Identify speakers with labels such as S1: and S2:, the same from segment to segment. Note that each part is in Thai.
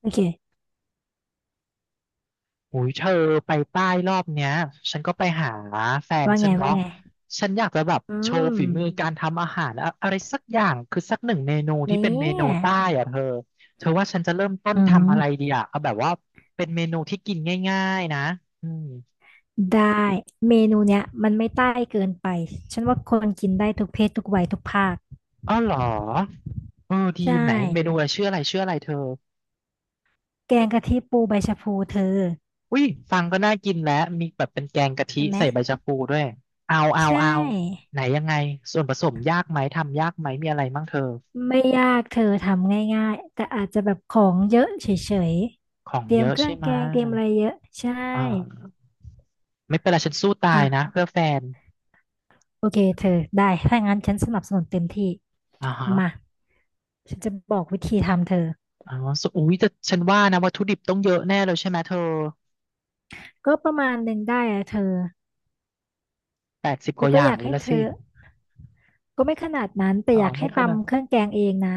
S1: โอเค
S2: โอ้ยเธอไปใต้รอบเนี้ยฉันก็ไปหาแฟน
S1: ว่า
S2: ฉั
S1: ไง
S2: น
S1: ว่า
S2: เนาะ
S1: ไง
S2: ฉันอยากจะแบบ
S1: อื
S2: โชว์
S1: ม
S2: ฝีมือการทำอาหารอะอะไรสักอย่างคือสักหนึ่งเมนูที่
S1: เนี่
S2: เป็นเมนู
S1: ย
S2: ใต้อะเธอเธอว่าฉันจะเริ่มต้น
S1: อื
S2: ทำอะไร
S1: ม
S2: ดีอะเอาแบบว่าเป็นเมนูที่กินง่ายๆนะอืม
S1: ได้ เมนูเนี้ยมันไม่ใต้เกินไป ฉันว่าคนกินได้ทุกเพศทุกวัยทุกภาค
S2: อ้อเหรอเออดี
S1: ใช่
S2: ไหนเมนูอะไรชื่ออะไรเธอ
S1: แกงกะทิปูใบชะพูเธอ
S2: อุ้ยฟังก็น่ากินแล้วมีแบบเป็นแกงกะทิ
S1: เห็นไหม
S2: ใส่ใบชะพูด้วยเอาเอา
S1: ใช
S2: เอา
S1: ่
S2: ไหนยังไงส่วนผสมยากไหมทำยากไหมมีอะไรบ้งเธอ
S1: ไม่ยากเธอทำง่ายๆแต่อาจจะแบบของเยอะเฉย
S2: ขอ
S1: ๆ
S2: ง
S1: เตรี
S2: เย
S1: ยม
S2: อะ
S1: เครื่อ
S2: ใช่
S1: ง
S2: ไหม
S1: แกงเตรียมอะไรเยอะ ใช่
S2: อ่าไม่เป็นไรฉันสู้ตา
S1: อ่ะ
S2: ยนะเพื่อแฟน
S1: โอเคเธอได้ ถ้างั้นฉันสนับสนุนเต็มที่
S2: อ่าฮะ
S1: มาฉันจะบอกวิธีทำเธอ
S2: อ๋อสอุ้ยแต่ฉันว่านะวัตถุดิบต้องเยอะแน่เลยใช่ไหมเธอ
S1: ก็ประมาณหนึ่งได้อะเธอ
S2: แปดสิบก
S1: แล้ว
S2: ว่าอ
S1: ก็
S2: ย่า
S1: อ
S2: ง
S1: ยาก
S2: เลย
S1: ให้
S2: ละ
S1: เธ
S2: สิ
S1: อ ก็ไม่ขนาดนั้นแต่
S2: อ๋อ
S1: อยาก
S2: ไม่
S1: ให้
S2: ขนา
S1: ตำเค
S2: ด
S1: รื่องแกงเองนะ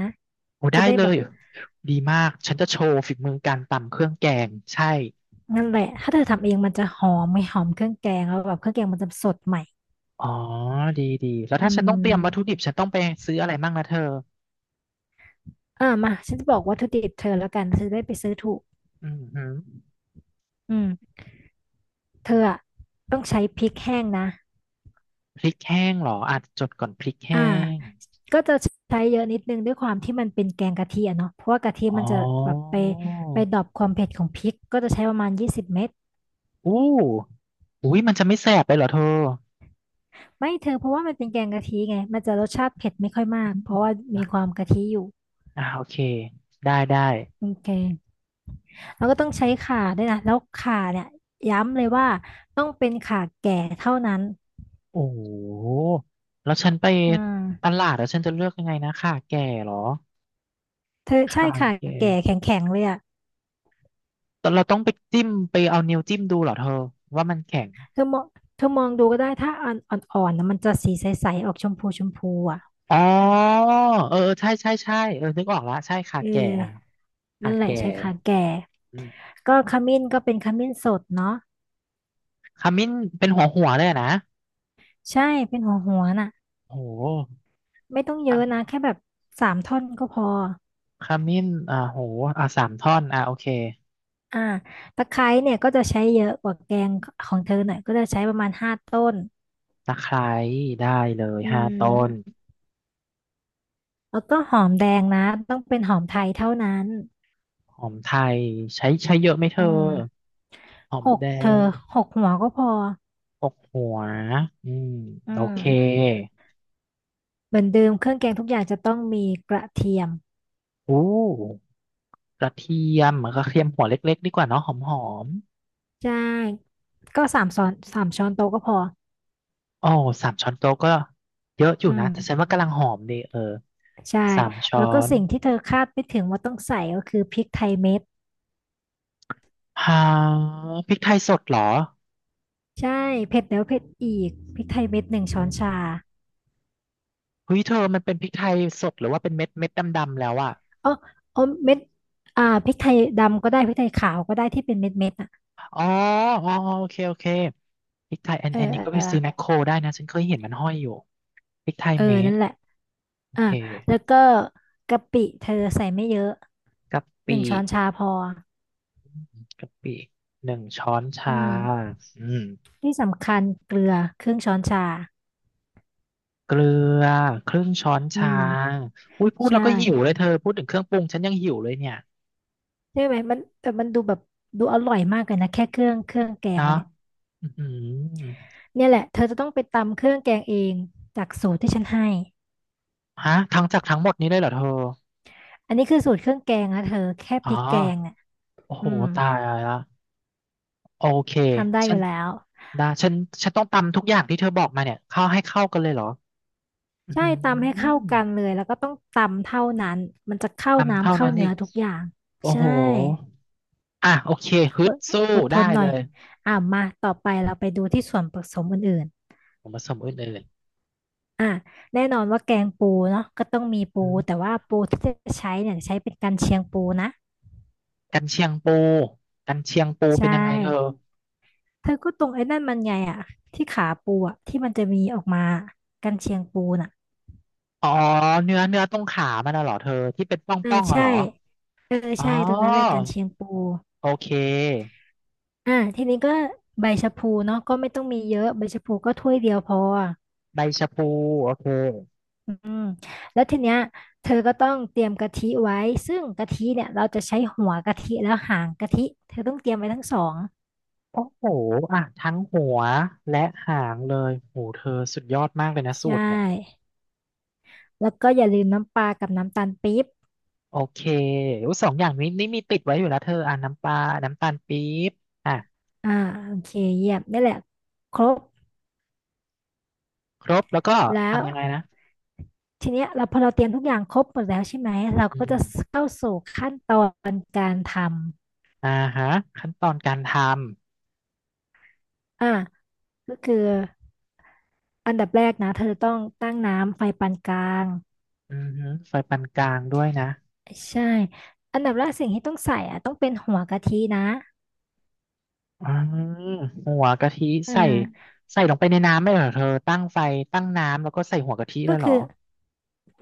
S2: โอ้
S1: จะ
S2: ได้
S1: ได้
S2: เล
S1: แบบ
S2: ยดีมากฉันจะโชว์ฝีมือการตำเครื่องแกงใช่
S1: นั่นแหละ ถ้าเธอทำเองมันจะหอมไม่หอมเครื่องแกงแล้วแบบเครื่องแกงมันจะสดใหม่
S2: อ๋อดีดี แล้ว
S1: อื
S2: ถ้าฉันต้องเตรียมวัตถุ
S1: ม
S2: ดิบฉันต้องไปซื้ออะไรบ้างนะเธอ
S1: อ่ามาฉันจะบอกวัตถุดิบเธอแล้วกันเธอจะได้ไปซื้อถูก
S2: อืมฮึ
S1: อืมเธออะต้องใช้พริกแห้งนะ
S2: พริกแห้งเหรอ อาจจดก่อนพริก
S1: อ่า
S2: แห้ง
S1: ก็จะใช้เยอะนิดนึงด้วยความที่มันเป็นแกงกะทิอะเนาะเพราะว่ากะทิ
S2: อ๋
S1: มัน
S2: อ
S1: จะแบบไปไปดรอปความเผ็ดของพริกก็จะใช้ประมาณ20 เม็ด
S2: อู้อุ้ยมันจะไม่แสบไปเหรอเธอ
S1: ไม่เธอเพราะว่ามันเป็นแกงกะทิไงมันจะรสชาติเผ็ดไม่ค่อยมากเพราะว่ามี
S2: อ่ะ
S1: ความกะทิอยู่
S2: อ่าโอเคได้ได้
S1: โอเคแล้วก็ต้องใช้ข่าด้วยนะแล้วข่าเนี่ยย้ำเลยว่าต้องเป็นข่าแก่เท่านั้น
S2: โอ้โหแล้วฉันไป
S1: อืม
S2: ตลาดแล้วฉันจะเลือกยังไงนะข่าแก่เหรอ
S1: เธอใช่
S2: ค่ะ
S1: ข่า
S2: แก่
S1: แก่แข็งๆเลยอ่ะ
S2: แต่เราต้องไปจิ้มไปเอานิ้วจิ้มดูเหรอเธอว่ามันแข็ง
S1: เธอมองเธอมองดูก็ได้ถ้าอ่อนอ่อนๆนะมันจะสีใสๆออกชมพูชมพูอ่ะ
S2: อ๋อเออเออใช่ใช่ใช่เออนึกออกละใช่ข่า
S1: เออ
S2: แก่อ่ะข่า
S1: นั่นแหละ
S2: แก่
S1: ใช้ข่าแก่
S2: อืม
S1: ก็ขมิ้นก็เป็นขมิ้นสดเนาะ
S2: ขมิ้นเป็นหัวหัวเลยอะนะ
S1: ใช่เป็นหัวหัวน่ะ
S2: โอ้โ
S1: ไม่ต้องเยอะนะ
S2: ข
S1: แค่แบบ3 ท่อนก็พอ
S2: ขมิ้นอ่าโหอ่าสามท่อนอ่าโอเค
S1: อ่าตะไคร้เนี่ยก็จะใช้เยอะกว่าแกงของเธอหน่อยก็จะใช้ประมาณ5 ต้น
S2: ตะไคร้ได้เลย
S1: อื
S2: ห้าต้น
S1: มแล้วก็หอมแดงนะต้องเป็นหอมไทยเท่านั้น
S2: หอมไทยใช้ใช้เยอะไหมเธ
S1: อื
S2: อ
S1: ม
S2: หอม
S1: หก
S2: แด
S1: เธอ
S2: ง
S1: 6 หัวก็พอ
S2: หกหัวอืม
S1: อื
S2: โอเค
S1: มเหมือนเดิมเครื่องแกงทุกอย่างจะต้องมีกระเทียม
S2: อู้กระเทียมกระเทียมหัวเล็กๆดีกว่าเนาะหอมหอม
S1: ใช่ก็3 ช้อนโต๊ะก็พอ
S2: อ๋อสามช้อนโต๊ะก็เยอะอยู่
S1: อื
S2: นะ
S1: ม
S2: แต่ฉันว่ากำลังหอมดีเออ
S1: ใช่
S2: สามช้อ
S1: แล้วก็
S2: น
S1: สิ่งที่เธอคาดไม่ถึงว่าต้องใส่ก็คือพริกไทยเม็ด
S2: ฮาพริกไทยสดเหรอ
S1: ใช่เผ็ดแล้วเผ็ดอีกพริกไทยเม็ดหนึ่งช้
S2: อื
S1: อนชา
S2: มเฮ้ยเธอมันเป็นพริกไทยสดหรือว่าเป็นเม็ดเม็ดดำๆแล้วอะ
S1: อ๋ออ๋อเม็ดอ่าพริกไทยดำก็ได้พริกไทยขาวก็ได้ที่เป็นเม็ดอ่ะ
S2: อ๋ออ๋อโอเคพริกไทยอัน
S1: เออ
S2: อันนี้
S1: เออ
S2: ก็ไป
S1: เออ
S2: ซื้อแมคโครได้นะฉันเคยเห็นมันห้อยอยู่พริกไทยเม็ด
S1: นั่นแหละอ่า
S2: เค
S1: แล้วก็กะปิเธอใส่ไม่เยอะ
S2: กะ
S1: ห
S2: ปิ
S1: นึ่งช้อนชาพอ
S2: กะปิหนึ่งช้อน
S1: อื
S2: ชา
S1: ม
S2: อืม
S1: ที่สำคัญเกลือครึ่งช้อนชา
S2: เกลือครึ่งช้อน
S1: อื
S2: ชา
S1: ม
S2: อุ้ยพูดแล้
S1: ใช่
S2: วก็หิวเลยเธอพูดถึงเครื่องปรุงฉันยังหิวเลยเนี่ย
S1: ใช่ไหมมันแต่มันดูแบบดูอร่อยมากเลยนะแค่เครื่องแกง
S2: เนาะ
S1: มันเนี่ย
S2: อือหือ
S1: เนี่ยแหละเธอจะต้องไปตำเครื่องแกงเองจากสูตรที่ฉันให้
S2: ฮะทั้งจากทั้งหมดนี้เลยเหรอเธอ
S1: อันนี้คือสูตรเครื่องแกงนะเธอแค่
S2: อ๋
S1: พ
S2: อ
S1: ริกแกงเนี่ย
S2: โอ้โห
S1: อืม
S2: ตายละโอเค
S1: ทำได้อ
S2: ฉัน
S1: ยู่แล้ว
S2: ได้ฉันต้องตำทุกอย่างที่เธอบอกมาเนี่ยเข้าให้เข้ากันเลยเหรออือ
S1: ใช่
S2: หื
S1: ตำให้เข้า
S2: อ
S1: กันเลยแล้วก็ต้องตำเท่านั้นมันจะเข้า
S2: ตำ
S1: น้ำ
S2: เท่า
S1: เข้า
S2: นั้น
S1: เนื้
S2: อี
S1: อ
S2: ก
S1: ทุกอย่าง
S2: โอ้
S1: ใช่
S2: โหอ่ะโอเคฮึ
S1: อ
S2: ด
S1: ด
S2: สู้
S1: อดท
S2: ได้
S1: นห
S2: เล
S1: น่อย
S2: ย
S1: อ่ะมาต่อไปเราไปดูที่ส่วนผสมอื่น
S2: ผมผสมอื่นเลย
S1: ๆอ่ะแน่นอนว่าแกงปูเนาะก็ต้องมีปู
S2: อืม
S1: แต่ว่าปูที่จะใช้เนี่ยใช้เป็นกันเชียงปูนะ
S2: กันเชียงปูกันเชียงปูเป็
S1: ใช่
S2: นยังไงเธอ
S1: เธอก็ตรงไอ้นั่นมันไงอ่ะที่ขาปูอ่ะที่มันจะมีออกมากันเชียงปูน่ะ
S2: อ๋อเนื้อเนื้อตรงขามันน่ะเหรอเธอที่เป็นป่อง
S1: อ่า
S2: ป่องอะ
S1: ใช่
S2: เหรอ
S1: เออ
S2: อ๋อ
S1: ใช่ตรงนั้นแหละกันเชียงปู
S2: โอเค
S1: อ่าทีนี้ก็ใบชะพูเนาะก็ไม่ต้องมีเยอะใบชะพูก็ถ้วยเดียวพอ
S2: ใบชะพูโอเค
S1: อืมแล้วทีเนี้ยเธอก็ต้องเตรียมกะทิไว้ซึ่งกะทิเนี่ยเราจะใช้หัวกะทิแล้วหางกะทิเธอต้องเตรียมไว้ทั้งสอง
S2: โอ้โหอ่ะทั้งหัวและหางเลยโหเธอสุดยอดมากเลยนะ
S1: ใช
S2: สูตรเนี่ย
S1: ่แล้วก็อย่าลืมน้ำปลากับน้ำตาลปี๊บ
S2: โอเคอยสองอย่างนี้นี่มีติดไว้อยู่แล้วเธออ่ะน้ำปลาน้ำตาลปี๊บอ่ะ
S1: อ่าโอเคเยี่ยมนี่แหละครบ
S2: ครบแล้วก็
S1: แล้ว
S2: ทำยังไงนะ
S1: ทีเนี้ยเราพอเราเตรียมทุกอย่างครบหมดแล้วใช่ไหมเรา
S2: อื
S1: ก็จะ
S2: ม
S1: เข้าสู่ขั้นตอนการทำ
S2: อ่าฮะขั้นตอนการท
S1: อ่าก็คือ อันดับแรกนะเธอต้องตั้งน้ำไฟปานกลาง
S2: ำอือฮึไฟปานกลางด้วยนะ
S1: ใช่อันดับแรกสิ่งที่ต้องใส่อ่ะต้องเป็นหัวกะทินะ
S2: อ่าหัวกะทิ
S1: อ่
S2: ใส่
S1: า
S2: ใส่ลงไปในน้ำไม่เหรอเธอตั้งไฟตั้งน้ำแล้วก็ใส่หัวกะทิเล
S1: ก็
S2: ยเหรอ
S1: คือ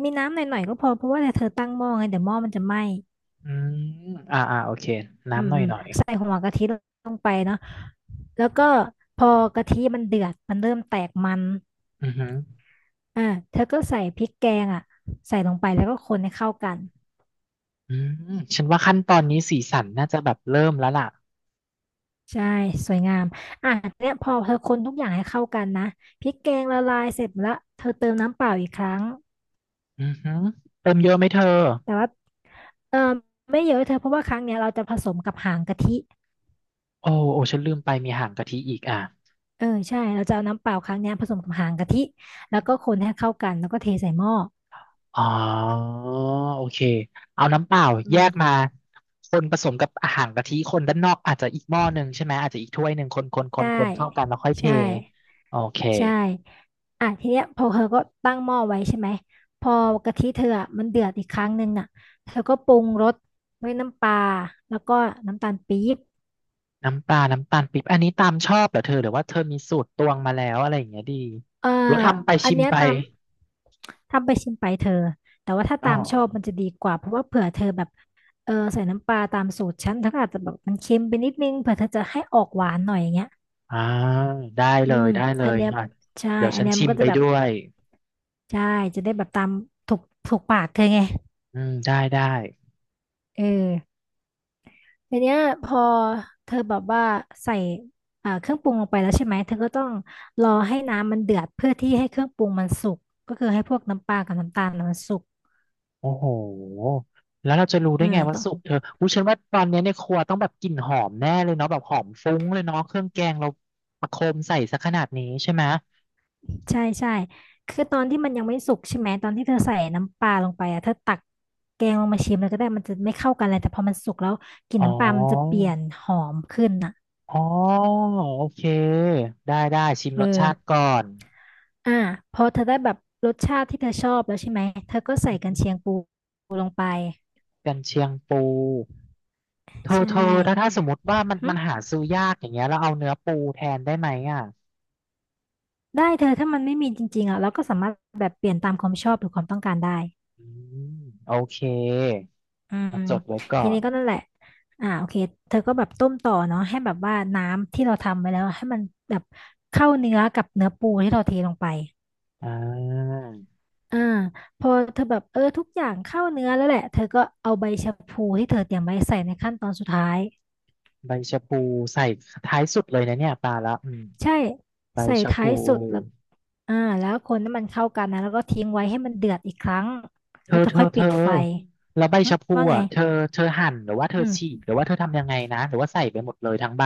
S1: มีน้ำหน่อยๆก็พอเพราะว่าเธอตั้งหม้อไงเดี๋ยวหม้อมันจะไหม้
S2: อืมอ่าอ่าโอเค
S1: อื
S2: น้ำ
S1: ม
S2: หน่อ
S1: อื
S2: ย
S1: ม
S2: หน่อย
S1: ใส่หัวกะทิลงไปเนาะแล้วก็พอกะทิมันเดือดมันเริ่มแตกมัน
S2: อือหือ
S1: อ่าเธอก็ใส่พริกแกงอ่ะใส่ลงไปแล้วก็คนให้เข้ากัน
S2: อืมฉันว่าขั้นตอนนี้สีสันน่าจะแบบเริ่มแล้วล่ะ
S1: ใช่สวยงามอ่ะเนี่ยพอเธอคนทุกอย่างให้เข้ากันนะพริกแกงละลายเสร็จละเธอเติมน้ำเปล่าอีกครั้ง
S2: อือหือเติมเยอะไหมเธอ
S1: แต่ว่าเออไม่เยอะเธอเพราะว่าครั้งเนี้ยเราจะผสมกับหางกะทิ
S2: โอ้โอ้ฉันลืมไปมีหางกะทิอีกอ่ะ
S1: เออใช่เราจะเอาน้ำเปล่าครั้งเนี้ยผสมกับหางกะทิแล้วก็คนให้เข้ากันแล้วก็เทใส่หม้อ
S2: อ๋อโอเคเอาน้ำเปล่าแย
S1: อื
S2: กมา
S1: ม
S2: คนผสมกับอาหารกะทิคนด้านนอกอาจจะอีกหม้อหนึ่งใช่ไหมอาจจะอีกถ้วยหนึ่งคนคนค
S1: ใช่
S2: นคนเข้ากันแล้วค่อยเท
S1: ใช่
S2: โอเค
S1: ใช่อ่ะทีเนี้ยพอเธอก็ตั้งหม้อไว้ใช่ไหมพอกะทิเธออะมันเดือดอีกครั้งหนึ่งน่ะเธอก็ปรุงรสด้วยน้ำปลาแล้วก็น้ำตาลปี๊บ
S2: น้ำปลาน้ำตาลปี๊บอันนี้ตามชอบเหรอเธอหรือว่าเธอมีสูตรตวงมาแล้วอะไรอย่างเงี้ยดี
S1: เอ่อ
S2: หรือว่าทำไป
S1: อั
S2: ชิ
S1: น
S2: ม
S1: เนี้ย
S2: ไป
S1: ตามทำไปชิมไปเธอ แต่ว่าถ้า
S2: อ๋อ
S1: ตามชอบมันจะดีกว่าเพราะว่าเผื่อเธอแบบใส่น้ำปลาตามสูตรฉันเธอก็อาจจะแบบมันเค็มไปนิดนึงเผื่อเธอจะให้ออกหวานหน่อยอย่างเงี้ย
S2: อ่าได้
S1: อื
S2: เลย
S1: ม
S2: ได้เล
S1: อัน
S2: ย
S1: เนี้ย
S2: อ่ะ
S1: ใช่
S2: เดี๋ยว
S1: อัน
S2: ฉัน
S1: เนี้ย
S2: ชิ
S1: มัน
S2: ม
S1: ก็
S2: ไป
S1: จะแบบ
S2: ด้วย
S1: ใช่จะได้แบบตามถูกปากเธอไง
S2: อืมได้ได้
S1: เออทีเนี้ยพอเธอแบบว่าใส่เครื่องปรุงลงไปแล้วใช่ไหมเธอก็ต้องรอให้น้ำมันเดือดเพื่อที่ให้เครื่องปรุงมันสุกก็คือให้พวกน้ำปลากับน้ำตาลน่ะมันสุก
S2: โอ้โหแล้วเราจะรู้
S1: เอ
S2: ได้
S1: อ
S2: ไงว่า
S1: ต้อง
S2: สุกเธออุ้ยฉันว่าตอนเนี้ยในครัวต้องแบบกลิ่นหอมแน่เลยเนาะแบบหอมฟุ้งเลยเนาะเครื่องแกงเราประโคมใส่ซะขนาดนี้ใช่ไหม
S1: ใช่ใช่คือตอนที่มันยังไม่สุกใช่ไหมตอนที่เธอใส่น้ำปลาลงไปอ่ะเธอตักแกงลงมาชิมแล้วก็ได้มันจะไม่เข้ากันเลยแต่พอมันสุกแล้วกลิ่น
S2: อ๋อ
S1: น้ำปลามันจะเปลี่ยนหอมขึ้นอ่ะ
S2: อ๋อโอเคได้ได้ชิม
S1: เอ
S2: ร
S1: อ
S2: สชาติก่อน
S1: อ่าพอเธอได้แบบรสชาติที่เธอชอบแล้วใช่ไหมเธอก็ใส่กัน
S2: อื
S1: เชียง
S2: ม
S1: ปูลงไป
S2: กันเชียงปูเธอ
S1: ใช่
S2: เธอถ้าถ้าสมมติว่ามัน
S1: หึ
S2: มันหาซื้อยากอย่างเงี้ยแล้วเอาเนื้อปูแทนได้ไหมอ่ะ
S1: ได้เธอถ้ามันไม่มีจริงๆอ่ะเราก็สามารถแบบเปลี่ยนตามความชอบหรือความต้องการได้
S2: อืมโอเค
S1: อื
S2: มา
S1: ม
S2: จดไว้ก่
S1: ที
S2: อ
S1: นี้
S2: น
S1: ก็นั่นแหละอ่าโอเคเธอก็แบบต้มต่อเนาะให้แบบว่าน้ำที่เราทำไว้แล้วให้มันแบบเข้าเนื้อกับเนื้อปูที่เราเทลงไป
S2: อ่า
S1: อ่าพอเธอแบบเออทุกอย่างเข้าเนื้อแล้วแหละเธอก็เอาใบชะพลูที่เธอเตรียมไว้ใส่ในขั้นตอนสุดท้าย
S2: ใบชะพูใส่ท้ายสุดเลยนะเนี่ยปลาละอืม
S1: ใช่
S2: ใบ
S1: ใส่
S2: ชะ
S1: ท้า
S2: พู
S1: ยสุดแล้วอ่าแล้วคนให้มันเข้ากันนะแล้วก็ทิ้งไว้ให้มันเดือดอีกครั้ง
S2: เธ
S1: แล้ว
S2: อ
S1: เธอ
S2: เธอ
S1: ค่อย
S2: เธ
S1: ปิด
S2: อ
S1: ไฟ
S2: แล้วใบ
S1: หึ
S2: ชะพู
S1: ว่าไง
S2: อ่ะเธอเธอหั่นหรือว่าเธ
S1: อื
S2: อ
S1: ม
S2: ฉีกหรือว่าเธอทำยังไงนะหรือว่าใส่ไปหมดเลยทั้งใบ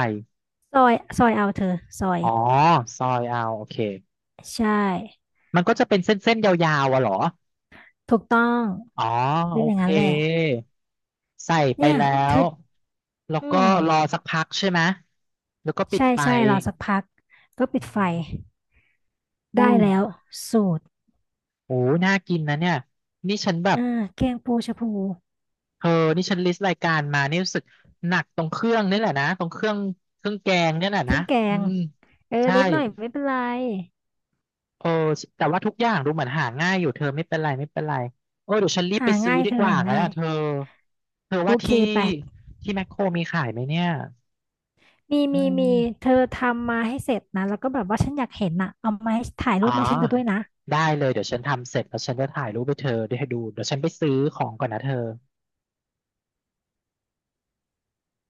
S1: ซอยเอาเธอซอย
S2: อ๋อซอยเอาโอเค
S1: ใช่
S2: มันก็จะเป็นเส้นๆยาวๆอ่ะเหรอ
S1: ถูกต้อง
S2: อ๋อ
S1: เป็น
S2: โอ
S1: อย่าง
S2: เค
S1: นั้นแหละ
S2: ใส่ไป
S1: เนี่ย
S2: แล้
S1: เธ
S2: ว
S1: อ
S2: แล้ว
S1: อื
S2: ก็
S1: ม
S2: รอสักพักใช่ไหมแล้วก็ปิด
S1: ใช่
S2: ไฟ
S1: ใช่รอสักพัก ก็ปิดไฟ
S2: อื
S1: ได้
S2: มอุ้ย
S1: แล้ว สูตร
S2: โอ้น่ากินนะเนี่ยนี่ฉันแบบ
S1: อ่าแกงปูชะพู
S2: เธอนี่ฉันลิสต์รายการมานี่รู้สึกหนักตรงเครื่องนี่แหละนะตรงเครื่องเครื่องแกงนี่แหละ
S1: เค
S2: นะ
S1: รื่องแก
S2: อื
S1: ง
S2: ม
S1: เออ
S2: ใช่
S1: นิดหน่อยไม่เป็นไร
S2: เออแต่ว่าทุกอย่างดูเหมือนหาง่ายอยู่เธอไม่เป็นไรไม่เป็นไรเออเดี๋ยวฉันรีบไป
S1: หา
S2: ซื้อ
S1: ง่าย
S2: ดี
S1: เธอ
S2: กว่า
S1: หา
S2: แล้ว
S1: ง่าย
S2: เธอเธอ
S1: โอ
S2: ว่า
S1: เค
S2: ที่
S1: ไป
S2: ที่แมคโครมีขายไหมเนี่ย
S1: มี
S2: อื
S1: มีมี
S2: ม
S1: เธอทำมาให้เสร็จนะ แล้วก็แบบว่าฉันอยากเห็นน่ะเอามาให้ถ่าย
S2: อ๋
S1: รู
S2: อ
S1: ปให้ฉันดูด้วยนะ
S2: ได้เลยเดี๋ยวฉันทำเสร็จแล้วฉันจะถ่ายรูปไปเธอไดให้ดูเดี๋ยวฉันไปซื้อของก่อนนะเธอ